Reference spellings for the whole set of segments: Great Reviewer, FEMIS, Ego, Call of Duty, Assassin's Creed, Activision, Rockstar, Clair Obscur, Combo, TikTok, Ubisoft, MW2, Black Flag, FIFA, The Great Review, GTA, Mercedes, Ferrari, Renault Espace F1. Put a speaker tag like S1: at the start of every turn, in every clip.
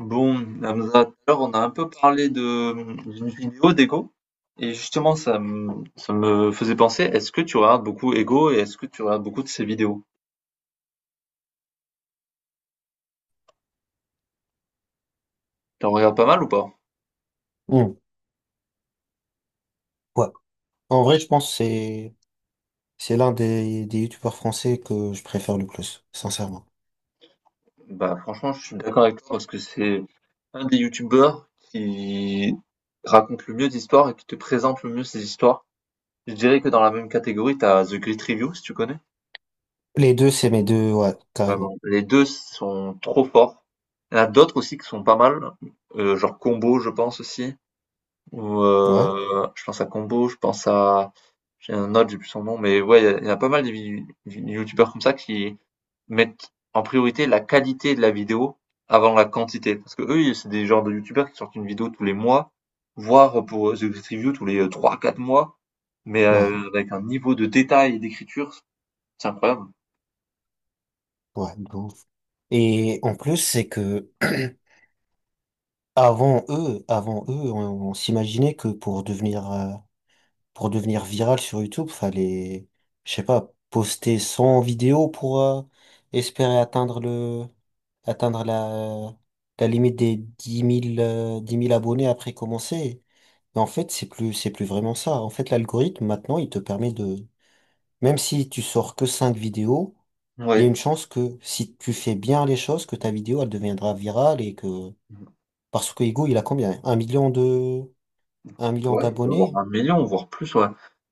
S1: Bon, Hamza, tout à l'heure, on a un peu parlé de d'une vidéo d'Ego, et justement, ça me faisait penser, est-ce que tu regardes beaucoup Ego et est-ce que tu regardes beaucoup de ses vidéos? Tu en regardes pas mal ou pas?
S2: Hmm. Ouais. En vrai, je pense que c'est l'un des youtubeurs français que je préfère le plus, sincèrement.
S1: Bah, franchement, je suis d'accord avec toi parce que c'est un des youtubeurs qui raconte le mieux d'histoires et qui te présente le mieux ses histoires. Je dirais que dans la même catégorie, t'as The Great Review, si tu connais.
S2: Les deux, c'est mes deux, ouais, carrément.
S1: Vraiment, les deux sont trop forts. Il y en a d'autres aussi qui sont pas mal, genre Combo, je pense aussi. Ou
S2: Ouais,
S1: je pense à Combo, je pense à j'ai un autre, j'ai plus son nom, mais ouais, il y a pas mal de vi vi youtubeurs comme ça qui mettent en priorité la qualité de la vidéo avant la quantité. Parce que eux, ils c'est des genres de youtubeurs qui sortent une vidéo tous les mois, voire pour, The Great Review tous les trois quatre mois, mais
S2: ouais,
S1: avec un niveau de détail et d'écriture, c'est incroyable.
S2: ouais, de ouf. Et en plus, c'est que avant eux, on s'imaginait que pour devenir viral sur YouTube, fallait, je sais pas, poster 100 vidéos pour espérer atteindre la la limite des dix mille 10 000 abonnés après commencer. En fait, c'est plus vraiment ça. En fait, l'algorithme, maintenant, il te permet de, même si tu sors que 5 vidéos, il y a
S1: Ouais.
S2: une chance que si tu fais bien les choses, que ta vidéo, elle deviendra virale et que, parce que Ego, il a combien? Un million
S1: Ouais, il doit avoir
S2: d'abonnés?
S1: 1 million, voire plus, ouais.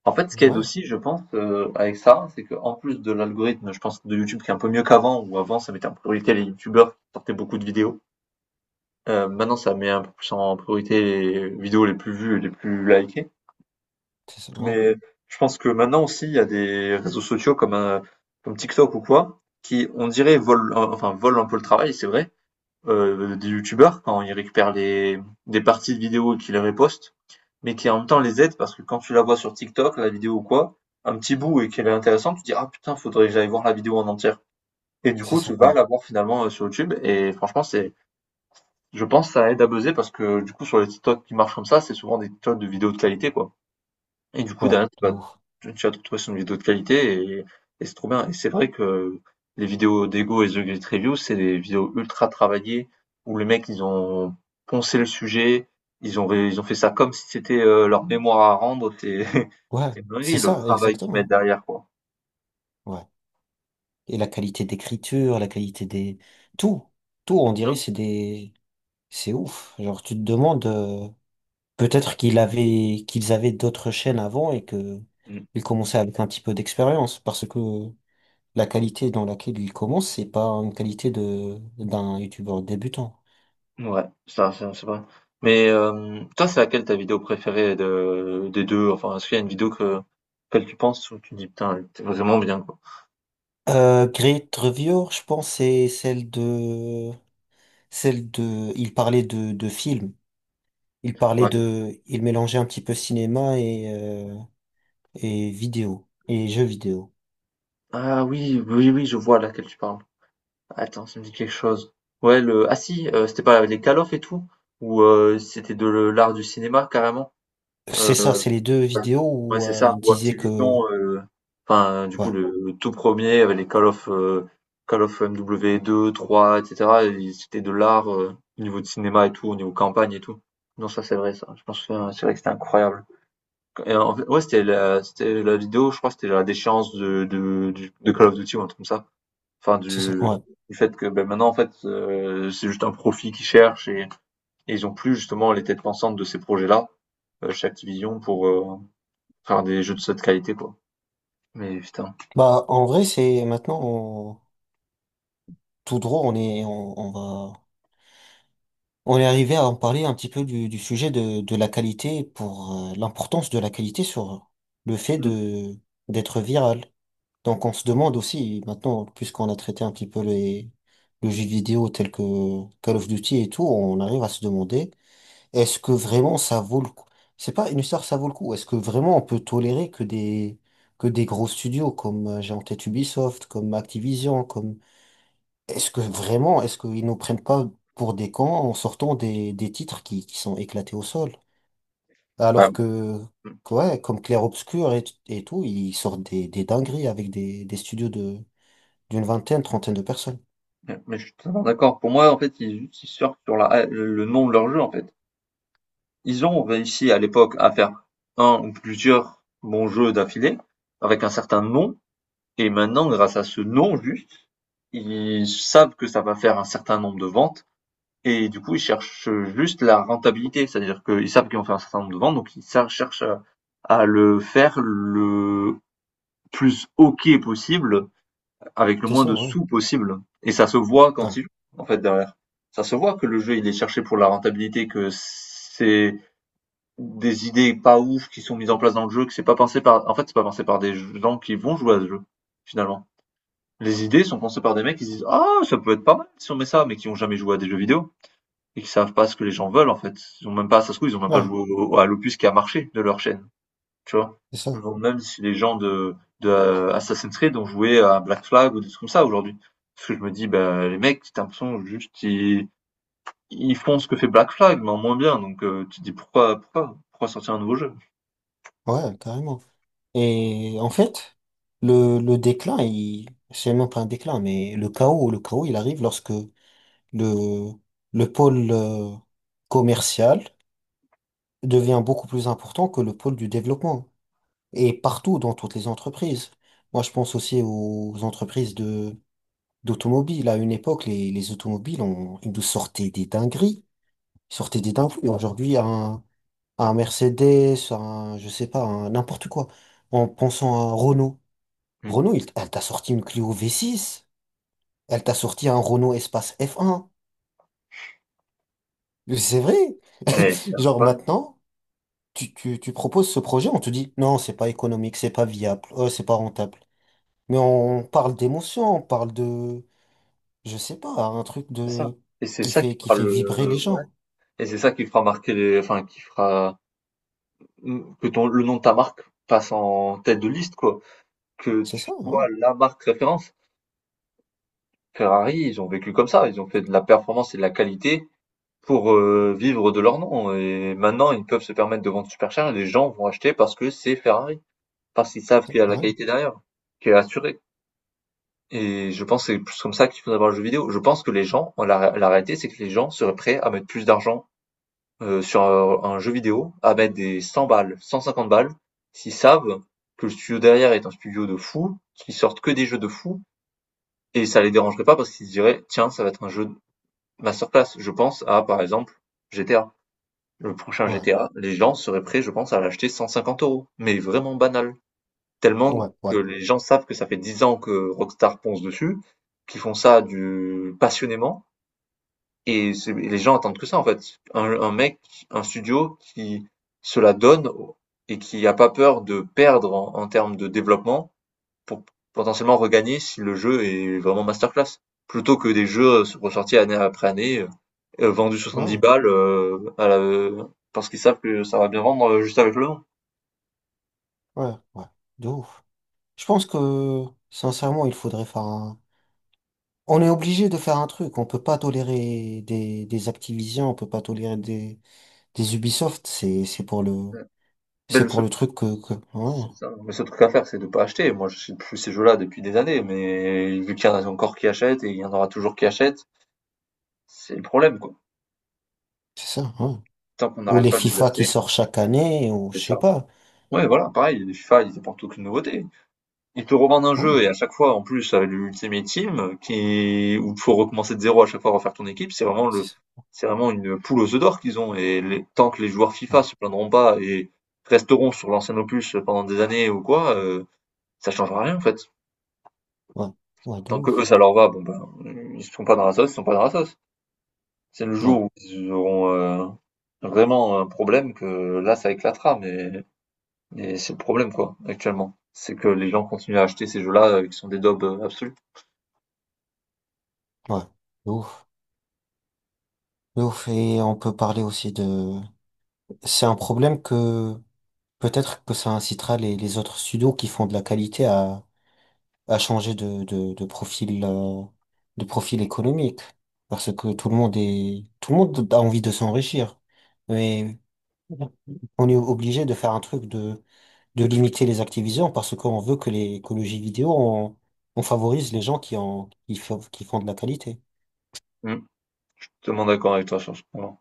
S1: En fait, ce qui aide
S2: Ouais,
S1: aussi, je pense, avec ça, c'est que en plus de l'algorithme, je pense, de YouTube qui est un peu mieux qu'avant, ou avant, ça mettait en priorité les youtubeurs qui sortaient beaucoup de vidéos. Maintenant, ça met un peu plus en priorité les vidéos les plus vues et les plus likées.
S2: c'est ça, ouais,
S1: Mais je pense que maintenant aussi, il y a des réseaux sociaux comme, comme TikTok ou quoi, qui, on dirait, volent, volent un peu le travail, c'est vrai, des youtubeurs quand ils récupèrent les, des parties de vidéos et qu'ils les repostent, mais qui en même temps les aident parce que quand tu la vois sur TikTok, la vidéo ou quoi, un petit bout et qu'elle est intéressante, tu te dis ah putain, faudrait que j'aille voir la vidéo en entière. Et du
S2: c'est
S1: coup,
S2: ça,
S1: tu vas
S2: ouais,
S1: la voir finalement sur YouTube et franchement, c'est, je pense, que ça aide à buzzer parce que du coup, sur les TikTok qui marchent comme ça, c'est souvent des TikTok de vidéos de qualité quoi. Et du coup,
S2: ouais,
S1: derrière, tu
S2: de
S1: vas
S2: ouf.
S1: tu tu vas te retrouver sur une vidéo de qualité et c'est trop bien. Et c'est vrai que les vidéos d'Ego et The Great Review, c'est des vidéos ultra travaillées où les mecs, ils ont poncé le sujet, ils ont fait ça comme si c'était leur mémoire à rendre. C'est
S2: Ouais,
S1: c'est une
S2: c'est
S1: dinguerie, le
S2: ça,
S1: travail qu'ils mettent
S2: exactement.
S1: derrière, quoi.
S2: Ouais. Et la qualité d'écriture, tout, tout,
S1: C'est
S2: on
S1: ça.
S2: dirait, c'est des, c'est ouf. Genre, tu te demandes, peut-être qu'ils avaient d'autres chaînes avant et que
S1: Mm.
S2: ils commençaient avec un petit peu d'expérience parce que la qualité dans laquelle ils commencent, c'est pas une qualité d'un youtubeur débutant.
S1: Ouais, ça, c'est vrai. Mais toi, c'est laquelle ta vidéo préférée de, des deux? Enfin, est-ce qu'il y a une vidéo que, auquel tu penses où tu dis, putain, elle était vraiment bien, quoi.
S2: Great Reviewer, je pense, celle de, il parlait de films. Il parlait
S1: Ouais.
S2: de, il mélangeait un petit peu cinéma et vidéo, et jeux vidéo.
S1: Ah oui, oui, oui, je vois laquelle tu parles. Attends, ça me dit quelque chose. Ouais, Ah si, c'était pas les Call of et tout? Ou c'était l'art du cinéma, carrément?
S2: C'est
S1: Euh,
S2: ça, c'est les deux vidéos
S1: ouais,
S2: où
S1: c'est ça.
S2: il
S1: Ou
S2: disait que,
S1: Activision, enfin, du
S2: ouais,
S1: coup, le tout premier, avec les Call of MW2, 3, etc. et cetera et c'était de l'art au niveau de cinéma et tout, au niveau campagne et tout. Non, ça c'est vrai, ça. Je pense que c'est vrai que c'était incroyable. Et en fait, ouais, c'était la vidéo, je crois, que c'était la déchéance de Call of Duty ou un truc comme ça. Enfin
S2: c'est ça,
S1: du
S2: ouais.
S1: du fait que, bah, maintenant en fait, c'est juste un profit qu'ils cherchent et ils ont plus justement les têtes pensantes de ces projets-là, chez Activision pour, faire des jeux de cette qualité quoi. Mais putain.
S2: Bah, en vrai, c'est maintenant, tout droit, on va, on est arrivé à en parler un petit peu du sujet de la qualité pour l'importance de la qualité sur le fait
S1: Mmh.
S2: de, d'être viral. Donc on se demande aussi, maintenant, puisqu'on a traité un petit peu le jeu vidéo tel que Call of Duty et tout, on arrive à se demander, est-ce que vraiment ça vaut le coup? C'est pas une histoire, ça vaut le coup. Est-ce que vraiment on peut tolérer que des gros studios comme j'ai en tête Ubisoft, comme Activision, comme est-ce que vraiment, est-ce qu'ils nous prennent pas pour des cons en sortant des titres qui sont éclatés au sol?
S1: Bah,
S2: Alors que,
S1: mmh,
S2: ouais, comme Clair Obscur et tout, ils sortent des dingueries avec des studios de, d'une vingtaine, trentaine de personnes.
S1: mais je suis totalement d'accord. Pour moi en fait, ils surfent sur la, le nom de leur jeu en fait. Ils ont réussi à l'époque à faire un ou plusieurs bons jeux d'affilée, avec un certain nom et maintenant grâce à ce nom juste, ils savent que ça va faire un certain nombre de ventes. Et du coup, ils cherchent juste la rentabilité, c'est-à-dire qu'ils savent qu'ils vont faire un certain nombre de ventes, donc ils cherchent à le faire le plus OK possible, avec le
S2: C'est
S1: moins
S2: ça,
S1: de
S2: ouais.
S1: sous possible. Et ça se voit quand
S2: Ouais,
S1: ils jouent, en fait, derrière. Ça se voit que le jeu, il est cherché pour la rentabilité, que c'est des idées pas ouf qui sont mises en place dans le jeu, que c'est pas pensé par, en fait, c'est pas pensé par des gens qui vont jouer à ce jeu, finalement. Les idées sont pensées par des mecs qui se disent, ah, ça peut être pas mal si on met ça, mais qui ont jamais joué à des jeux vidéo et qui savent pas ce que les gens veulent en fait. Ils ont même pas, ça se trouve, ils ont même pas
S2: ouais,
S1: joué à l'opus qui a marché de leur chaîne, tu vois.
S2: c'est
S1: Je
S2: ça.
S1: me demande même si les gens de, de Assassin's Creed ont joué à Black Flag ou des trucs comme ça aujourd'hui. Parce que je me dis, bah, les mecs, t'as l'impression juste, ils font ce que fait Black Flag, mais en moins bien. Donc, tu te dis, pourquoi, pourquoi, pourquoi sortir un nouveau jeu?
S2: Ouais, carrément. Et en fait, le déclin, il, c'est même pas un déclin, mais le chaos, il arrive lorsque le, le pôle commercial devient beaucoup plus important que le pôle du développement. Et partout dans toutes les entreprises. Moi, je pense aussi aux entreprises de d'automobiles. À une époque, les automobiles, on, ils nous sortaient des dingueries. Ils sortaient des dingueries. Aujourd'hui, un Mercedes, un, je sais pas, un n'importe quoi. En pensant à un Renault.
S1: Mm.
S2: Renault, elle t'a sorti une Clio V6. Elle t'a sorti un Renault Espace F1. Mais c'est vrai.
S1: Mais c'est
S2: Genre
S1: pas-
S2: maintenant, tu proposes ce projet, on te dit non, c'est pas économique, c'est pas viable, c'est pas rentable. Mais on parle d'émotion, on parle de, je sais pas, un truc
S1: c'est ça.
S2: de
S1: Et c'est ça qui
S2: qui
S1: fera
S2: fait vibrer les
S1: le, ouais.
S2: gens.
S1: Et c'est ça qui fera marquer les, enfin, qui fera que ton, le nom de ta marque passe en tête de liste, quoi. Que
S2: C'est
S1: tu
S2: ça, ouais.
S1: sois la marque référence. Ferrari, ils ont vécu comme ça, ils ont fait de la performance et de la qualité pour vivre de leur nom. Et maintenant, ils peuvent se permettre de vendre super cher et les gens vont acheter parce que c'est Ferrari, parce qu'ils
S2: C'est
S1: savent
S2: ça,
S1: qu'il y a de la qualité derrière, qui est assurée. Et je pense que c'est plus comme ça qu'il faut avoir le jeu vidéo. Je pense que les gens, la réalité, c'est que les gens seraient prêts à mettre plus d'argent sur un jeu vidéo, à mettre des 100 balles, 150 balles, s'ils savent que le studio derrière est un studio de fou, qui sortent que des jeux de fou. Et ça les dérangerait pas parce qu'ils se diraient, tiens, ça va être un jeu de masterclass. Je pense à, par exemple, GTA. Le prochain
S2: Ouais,
S1: GTA, les gens seraient prêts, je pense, à l'acheter 150 euros. Mais vraiment banal. Tellement
S2: ouais, ouais,
S1: que les gens savent que ça fait 10 ans que Rockstar ponce dessus, qu'ils font ça du passionnément. Et les gens attendent que ça, en fait. Un mec, un studio qui se la donne et qui a pas peur de perdre en termes de développement pour potentiellement regagner si le jeu est vraiment masterclass. Plutôt que des jeux ressortis année après année, vendus 70
S2: ouais,
S1: balles parce qu'ils savent que ça va bien vendre juste avec le nom.
S2: ouais. De ouf. Je pense que sincèrement, il faudrait faire un. On est obligé de faire un truc. On peut pas tolérer des Activision, on peut pas tolérer des Ubisoft.
S1: Ouais. Ben,
S2: C'est
S1: le
S2: pour
S1: seul,
S2: le truc que... ouais,
S1: c'est ça, le seul truc à faire, c'est de pas acheter. Moi, je sais plus ces jeux-là depuis des années, mais vu qu'il y en a encore qui achètent et il y en aura toujours qui achètent, c'est le problème, quoi.
S2: c'est ça, ouais.
S1: Tant qu'on
S2: Ou
S1: n'arrête
S2: les
S1: pas de les
S2: FIFA qui
S1: acheter,
S2: sortent chaque année, ou je
S1: c'est
S2: sais
S1: ça.
S2: pas.
S1: Ouais, voilà, pareil, les FIFA, ils apportent aucune nouveauté. Ils te revendent un
S2: Ouais,
S1: jeu et à chaque fois, en plus, avec l'Ultimate Team, qui, où il faut recommencer de zéro à chaque fois, refaire ton équipe,
S2: c'est ça.
S1: c'est vraiment une poule aux œufs d'or qu'ils ont. Et tant que les joueurs FIFA
S2: Ouais,
S1: se plaindront pas et resteront sur l'ancien opus pendant des années ou quoi, ça changera rien en fait.
S2: ouais, ouais, de
S1: Tant que eux
S2: ouf.
S1: ça leur va, bon ben ils sont pas dans la sauce, ils sont pas dans la sauce. C'est le jour
S2: Ouais,
S1: où ils auront vraiment un problème que là ça éclatera, mais c'est le problème quoi actuellement. C'est que les gens continuent à acheter ces jeux-là qui sont des daubes absolues.
S2: ouais, de ouf. De ouf, et on peut parler aussi de... C'est un problème que peut-être que ça incitera les autres studios qui font de la qualité à changer de profil économique. Parce que tout le monde a envie de s'enrichir. Mais on est obligé de faire de limiter les activisions parce qu'on veut que l'écologie vidéo, on favorise les gens qui font de la qualité.
S1: Totalement d'accord avec toi sur ce point.